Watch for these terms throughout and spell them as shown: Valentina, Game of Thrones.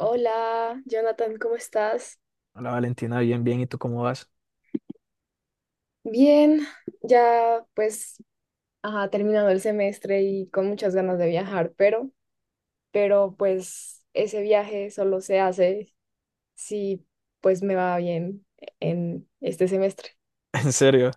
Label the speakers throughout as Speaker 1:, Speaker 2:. Speaker 1: Hola, Jonathan, ¿cómo estás?
Speaker 2: Hola Valentina, bien, bien. ¿Y tú cómo vas?
Speaker 1: Bien, ya pues ajá, terminado el semestre y con muchas ganas de viajar, pero pues ese viaje solo se hace si pues me va bien en este semestre.
Speaker 2: En serio.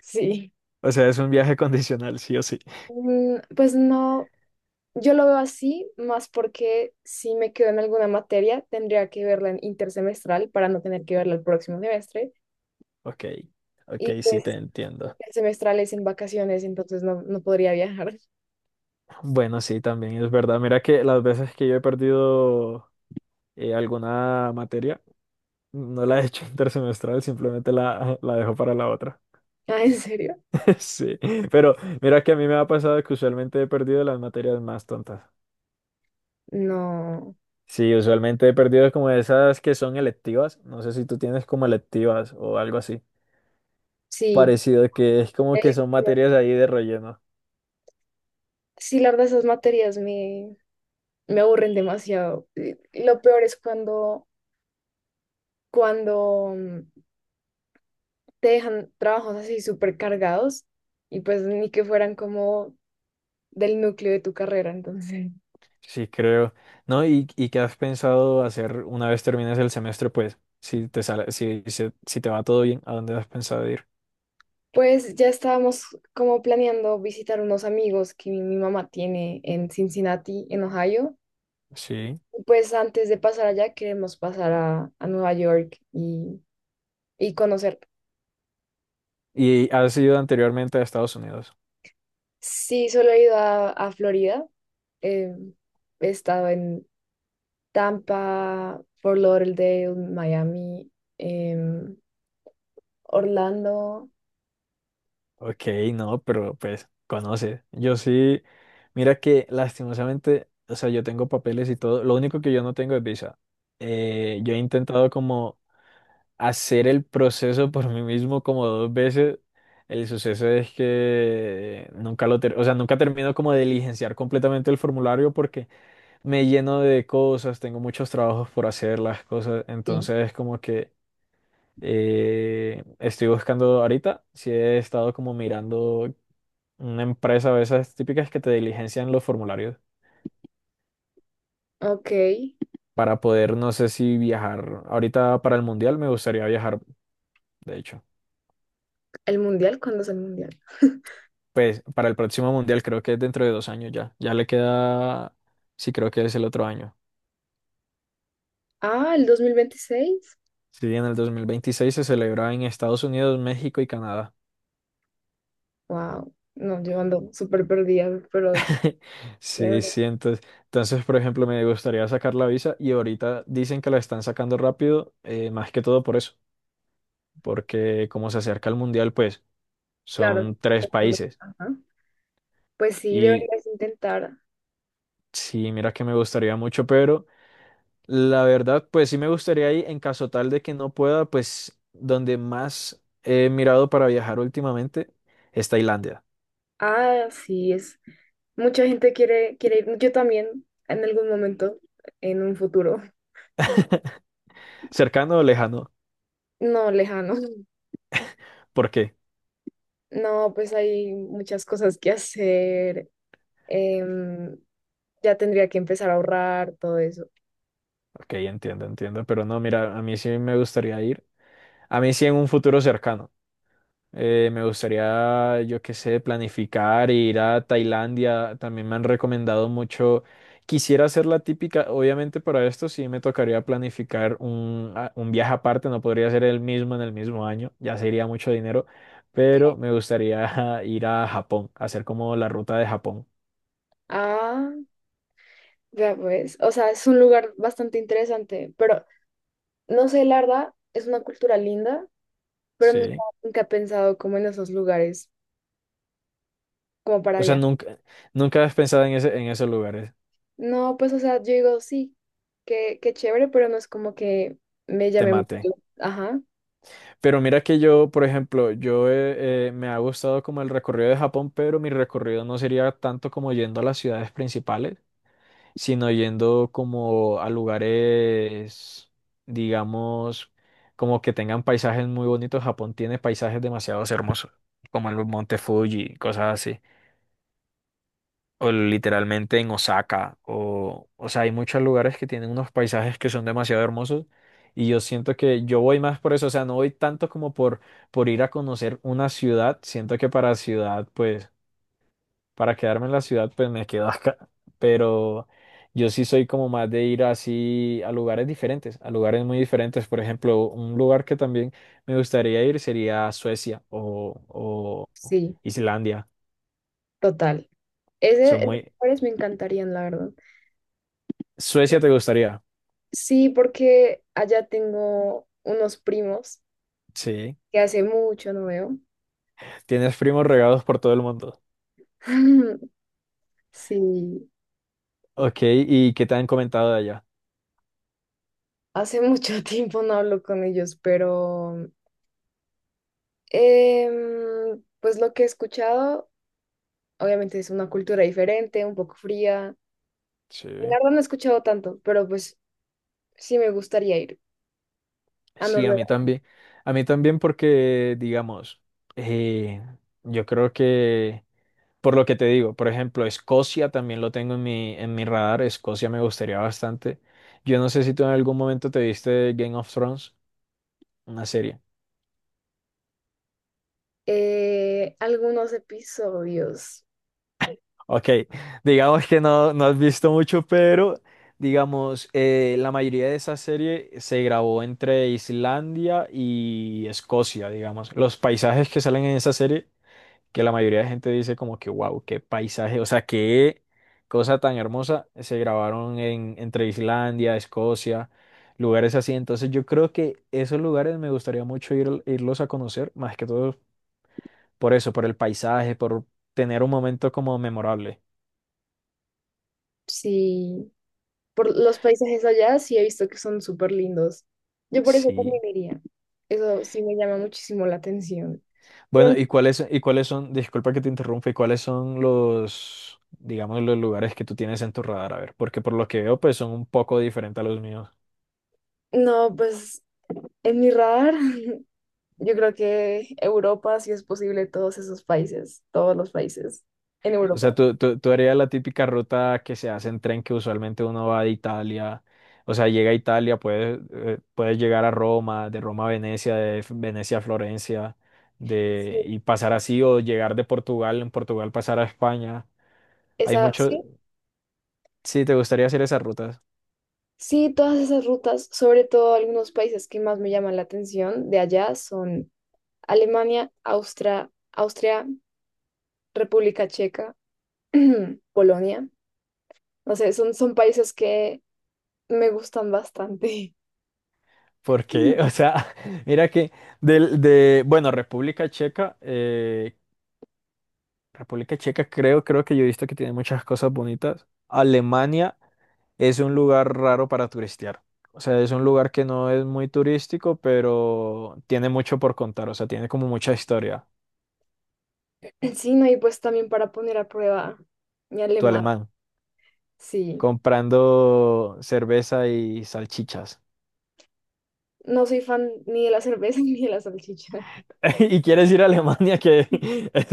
Speaker 1: Sí.
Speaker 2: O sea, es un viaje condicional, sí o sí.
Speaker 1: Pues no, yo lo veo así, más porque si me quedo en alguna materia, tendría que verla en intersemestral para no tener que verla el próximo semestre.
Speaker 2: Ok, ok,
Speaker 1: Y
Speaker 2: sí
Speaker 1: pues
Speaker 2: te entiendo.
Speaker 1: el semestral es en vacaciones, entonces no, no podría viajar.
Speaker 2: Bueno, sí, también es verdad. Mira que las veces que yo he perdido alguna materia, no la he hecho intersemestral, simplemente la dejo para la otra.
Speaker 1: Ah, ¿en serio?
Speaker 2: Sí, pero mira que a mí me ha pasado que usualmente he perdido las materias más tontas.
Speaker 1: No,
Speaker 2: Sí, usualmente he perdido como esas que son electivas. No sé si tú tienes como electivas o algo así.
Speaker 1: sí.
Speaker 2: Parecido, que es como que son
Speaker 1: Electivas.
Speaker 2: materias ahí de relleno.
Speaker 1: Sí, la verdad, esas materias me, me aburren demasiado. Y lo peor es cuando, cuando, te dejan trabajos así súper cargados y pues ni que fueran como del núcleo de tu carrera. Entonces,
Speaker 2: Sí, creo. ¿No? ¿Y qué has pensado hacer una vez termines el semestre? Pues, si te sale, si te va todo bien, ¿a dónde has pensado ir?
Speaker 1: pues ya estábamos como planeando visitar unos amigos que mi mamá tiene en Cincinnati, en Ohio.
Speaker 2: Sí.
Speaker 1: Y pues antes de pasar allá, queremos pasar a Nueva York y conocer.
Speaker 2: ¿Y has ido anteriormente a Estados Unidos?
Speaker 1: Sí, solo he ido a Florida. Eh, he estado en Tampa, Fort Lauderdale, Miami, em, Orlando.
Speaker 2: Ok, no, pero pues conoce. Yo sí, mira que lastimosamente, o sea, yo tengo papeles y todo. Lo único que yo no tengo es visa. Yo he intentado como hacer el proceso por mí mismo como dos veces. El suceso es que nunca o sea, nunca termino como de diligenciar completamente el formulario porque me lleno de cosas, tengo muchos trabajos por hacer las cosas,
Speaker 1: Sí.
Speaker 2: entonces como que estoy buscando ahorita, si he estado como mirando una empresa de esas típicas que te diligencian los formularios
Speaker 1: Ok.
Speaker 2: para poder, no sé si viajar ahorita para el mundial, me gustaría viajar, de hecho.
Speaker 1: ¿El mundial? ¿Cuándo es el mundial?
Speaker 2: Pues para el próximo mundial creo que es dentro de 2 años ya. Ya le queda, sí creo que es el otro año.
Speaker 1: Ah, el 2026.
Speaker 2: Sí, en el 2026 se celebra en Estados Unidos, México y Canadá.
Speaker 1: Wow. No, yo ando súper perdida, pero
Speaker 2: Sí,
Speaker 1: chévere.
Speaker 2: sí, entonces, por ejemplo, me gustaría sacar la visa y ahorita dicen que la están sacando rápido, más que todo por eso, porque como se acerca el mundial, pues
Speaker 1: Claro.
Speaker 2: son tres
Speaker 1: Todo el mundo-
Speaker 2: países
Speaker 1: ajá. Pues sí,
Speaker 2: y
Speaker 1: deberías intentar.
Speaker 2: sí, mira que me gustaría mucho, pero la verdad, pues sí me gustaría ir en caso tal de que no pueda, pues donde más he mirado para viajar últimamente es Tailandia.
Speaker 1: Ah, sí, es. Mucha gente quiere, quiere ir. Yo también, en algún momento, en un futuro.
Speaker 2: Cercano o lejano,
Speaker 1: No, lejano.
Speaker 2: ¿por qué?
Speaker 1: No, pues hay muchas cosas que hacer. em, ya tendría que empezar a ahorrar todo eso.
Speaker 2: Ok, entiendo, entiendo, pero no, mira, a mí sí me gustaría ir, a mí sí en un futuro cercano. Me gustaría, yo qué sé, planificar, e ir a Tailandia. También me han recomendado mucho. Quisiera hacer la típica, obviamente para esto sí me tocaría planificar un viaje aparte, no podría ser el mismo en el mismo año, ya sería mucho dinero, pero me gustaría ir a Japón, hacer como la ruta de Japón.
Speaker 1: Ah, ya pues. O sea, es un lugar bastante interesante, pero no sé, la verdad, es una cultura linda, pero nunca,
Speaker 2: Sí.
Speaker 1: nunca he pensado como en esos lugares, como para
Speaker 2: O sea,
Speaker 1: allá.
Speaker 2: nunca, nunca has pensado en ese, en esos lugares.
Speaker 1: No, pues, o sea, yo digo, sí, qué, qué chévere, pero no es como que me
Speaker 2: Te
Speaker 1: llame
Speaker 2: mate.
Speaker 1: mucho. Ajá,
Speaker 2: Pero mira que yo, por ejemplo, yo me ha gustado como el recorrido de Japón, pero mi recorrido no sería tanto como yendo a las ciudades principales, sino yendo como a lugares, digamos, como que tengan paisajes muy bonitos. Japón tiene paisajes demasiado hermosos, como el Monte Fuji, cosas así o literalmente en Osaka, o sea, hay muchos lugares que tienen unos paisajes que son demasiado hermosos y yo siento que yo voy más por eso, o sea, no voy tanto como por ir a conocer una ciudad, siento que para ciudad, pues, para quedarme en la ciudad, pues me quedo acá, pero yo sí soy como más de ir así a lugares diferentes, a lugares muy diferentes, por ejemplo, un lugar que también me gustaría ir sería Suecia o
Speaker 1: sí,
Speaker 2: Islandia,
Speaker 1: total.
Speaker 2: son
Speaker 1: Ese, esos
Speaker 2: muy.
Speaker 1: lugares me encantarían, la verdad.
Speaker 2: Suecia te gustaría,
Speaker 1: Sí, porque allá tengo unos primos
Speaker 2: sí.
Speaker 1: que hace mucho no veo.
Speaker 2: Tienes primos regados por todo el mundo.
Speaker 1: Sí,
Speaker 2: Ok, ¿y qué te han comentado de allá?
Speaker 1: hace mucho tiempo no hablo con ellos, pero pues lo que he escuchado, obviamente es una cultura diferente, un poco fría. La
Speaker 2: Sí.
Speaker 1: verdad no he escuchado tanto, pero pues sí me gustaría ir a
Speaker 2: Sí, a mí
Speaker 1: Noruega.
Speaker 2: también. A mí también porque, digamos, eh, yo creo que, por lo que te digo, por ejemplo, Escocia también lo tengo en mi radar. Escocia me gustaría bastante. Yo no sé si tú en algún momento te viste Game of Thrones, una serie.
Speaker 1: Algunos episodios,
Speaker 2: Ok, digamos que no has visto mucho, pero digamos, la mayoría de esa serie se grabó entre Islandia y Escocia, digamos. Los paisajes que salen en esa serie, que la mayoría de gente dice como que, wow, qué paisaje, o sea, qué cosa tan hermosa, se grabaron entre Islandia, Escocia, lugares así. Entonces yo creo que esos lugares me gustaría mucho ir, irlos a conocer, más que todo por eso, por el paisaje, por tener un momento como memorable.
Speaker 1: sí. Por los paisajes allá sí he visto que son súper lindos. Yo por eso también
Speaker 2: Sí.
Speaker 1: iría. Eso sí me llama muchísimo la atención. Pero
Speaker 2: Bueno, ¿y cuáles son, disculpa que te interrumpa, y cuáles son los, digamos, los lugares que tú tienes en tu radar? A ver, porque por lo que veo, pues son un poco diferentes a los míos.
Speaker 1: no, pues en mi radar, yo creo que Europa, si es posible, todos esos países, todos los países en
Speaker 2: O sea,
Speaker 1: Europa.
Speaker 2: tú harías la típica ruta que se hace en tren que usualmente uno va de Italia, o sea, llega a Italia, puedes llegar a Roma, de Roma a Venecia, Venecia a Florencia,
Speaker 1: Sí.
Speaker 2: y pasar así, o llegar de Portugal, en Portugal pasar a España. Hay
Speaker 1: Esa,
Speaker 2: mucho,
Speaker 1: sí,
Speaker 2: sí, ¿te gustaría hacer esas rutas?
Speaker 1: sí, todas esas rutas, sobre todo algunos países que más me llaman la atención de allá son Alemania, Austria, Austria, República Checa, Polonia. No sé, son, son países que me gustan bastante.
Speaker 2: ¿Por qué? O sea, mira que bueno, República Checa, República Checa creo que yo he visto que tiene muchas cosas bonitas. Alemania es un lugar raro para turistear. O sea, es un lugar que no es muy turístico, pero tiene mucho por contar. O sea, tiene como mucha historia.
Speaker 1: Sí, no, y pues también para poner a prueba mi
Speaker 2: Tu
Speaker 1: alemán,
Speaker 2: alemán,
Speaker 1: sí.
Speaker 2: comprando cerveza y salchichas.
Speaker 1: No soy fan ni de la cerveza ni de la salchicha.
Speaker 2: Y quieres ir a Alemania, que es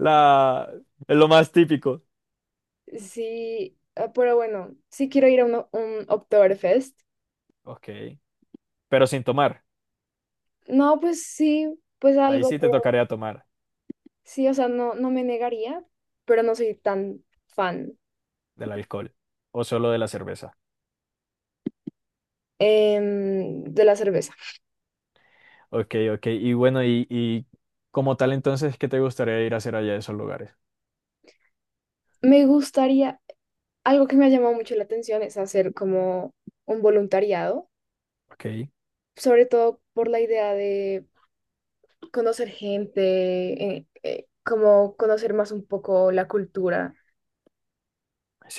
Speaker 2: la, es lo más típico.
Speaker 1: Sí, ah, pero bueno, sí quiero ir a un Oktoberfest.
Speaker 2: Ok, pero sin tomar.
Speaker 1: No, pues sí, pues
Speaker 2: Ahí
Speaker 1: algo,
Speaker 2: sí te
Speaker 1: pero
Speaker 2: tocaría tomar
Speaker 1: sí, o sea, no, no me negaría, pero no soy tan fan
Speaker 2: del alcohol o solo de la cerveza.
Speaker 1: de la cerveza.
Speaker 2: Ok, ok. Y bueno, y como tal entonces, ¿qué te gustaría ir a hacer allá a esos lugares?
Speaker 1: Me gustaría, algo que me ha llamado mucho la atención es hacer como un voluntariado,
Speaker 2: Ok,
Speaker 1: sobre todo por la idea de conocer gente, como conocer más un poco la cultura.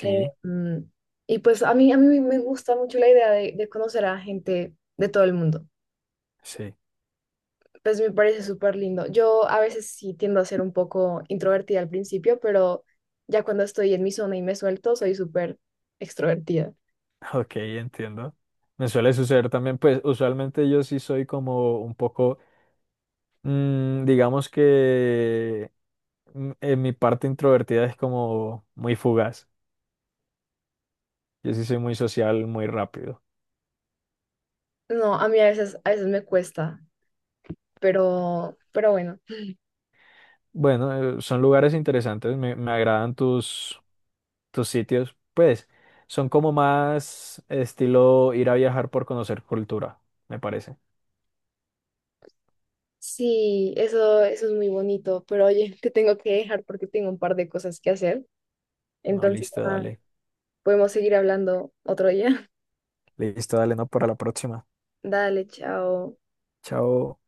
Speaker 1: Eh, mm, y pues a mí me gusta mucho la idea de conocer a gente de todo el mundo.
Speaker 2: sí.
Speaker 1: Pues me parece súper lindo. Yo a veces sí tiendo a ser un poco introvertida al principio, pero ya cuando estoy en mi zona y me suelto, soy súper extrovertida.
Speaker 2: Ok, entiendo. Me suele suceder también, pues usualmente yo sí soy como un poco, digamos que en mi parte introvertida es como muy fugaz. Yo sí soy muy social, muy rápido.
Speaker 1: No, a mí a veces me cuesta, pero bueno.
Speaker 2: Bueno, son lugares interesantes. Me agradan tus sitios, pues son como más estilo ir a viajar por conocer cultura, me parece.
Speaker 1: Sí, eso es muy bonito, pero oye, te tengo que dejar porque tengo un par de cosas que hacer.
Speaker 2: No,
Speaker 1: Entonces,
Speaker 2: listo,
Speaker 1: ah,
Speaker 2: dale.
Speaker 1: podemos seguir hablando otro día.
Speaker 2: Listo, dale, no, para la próxima.
Speaker 1: Dale, chao.
Speaker 2: Chao.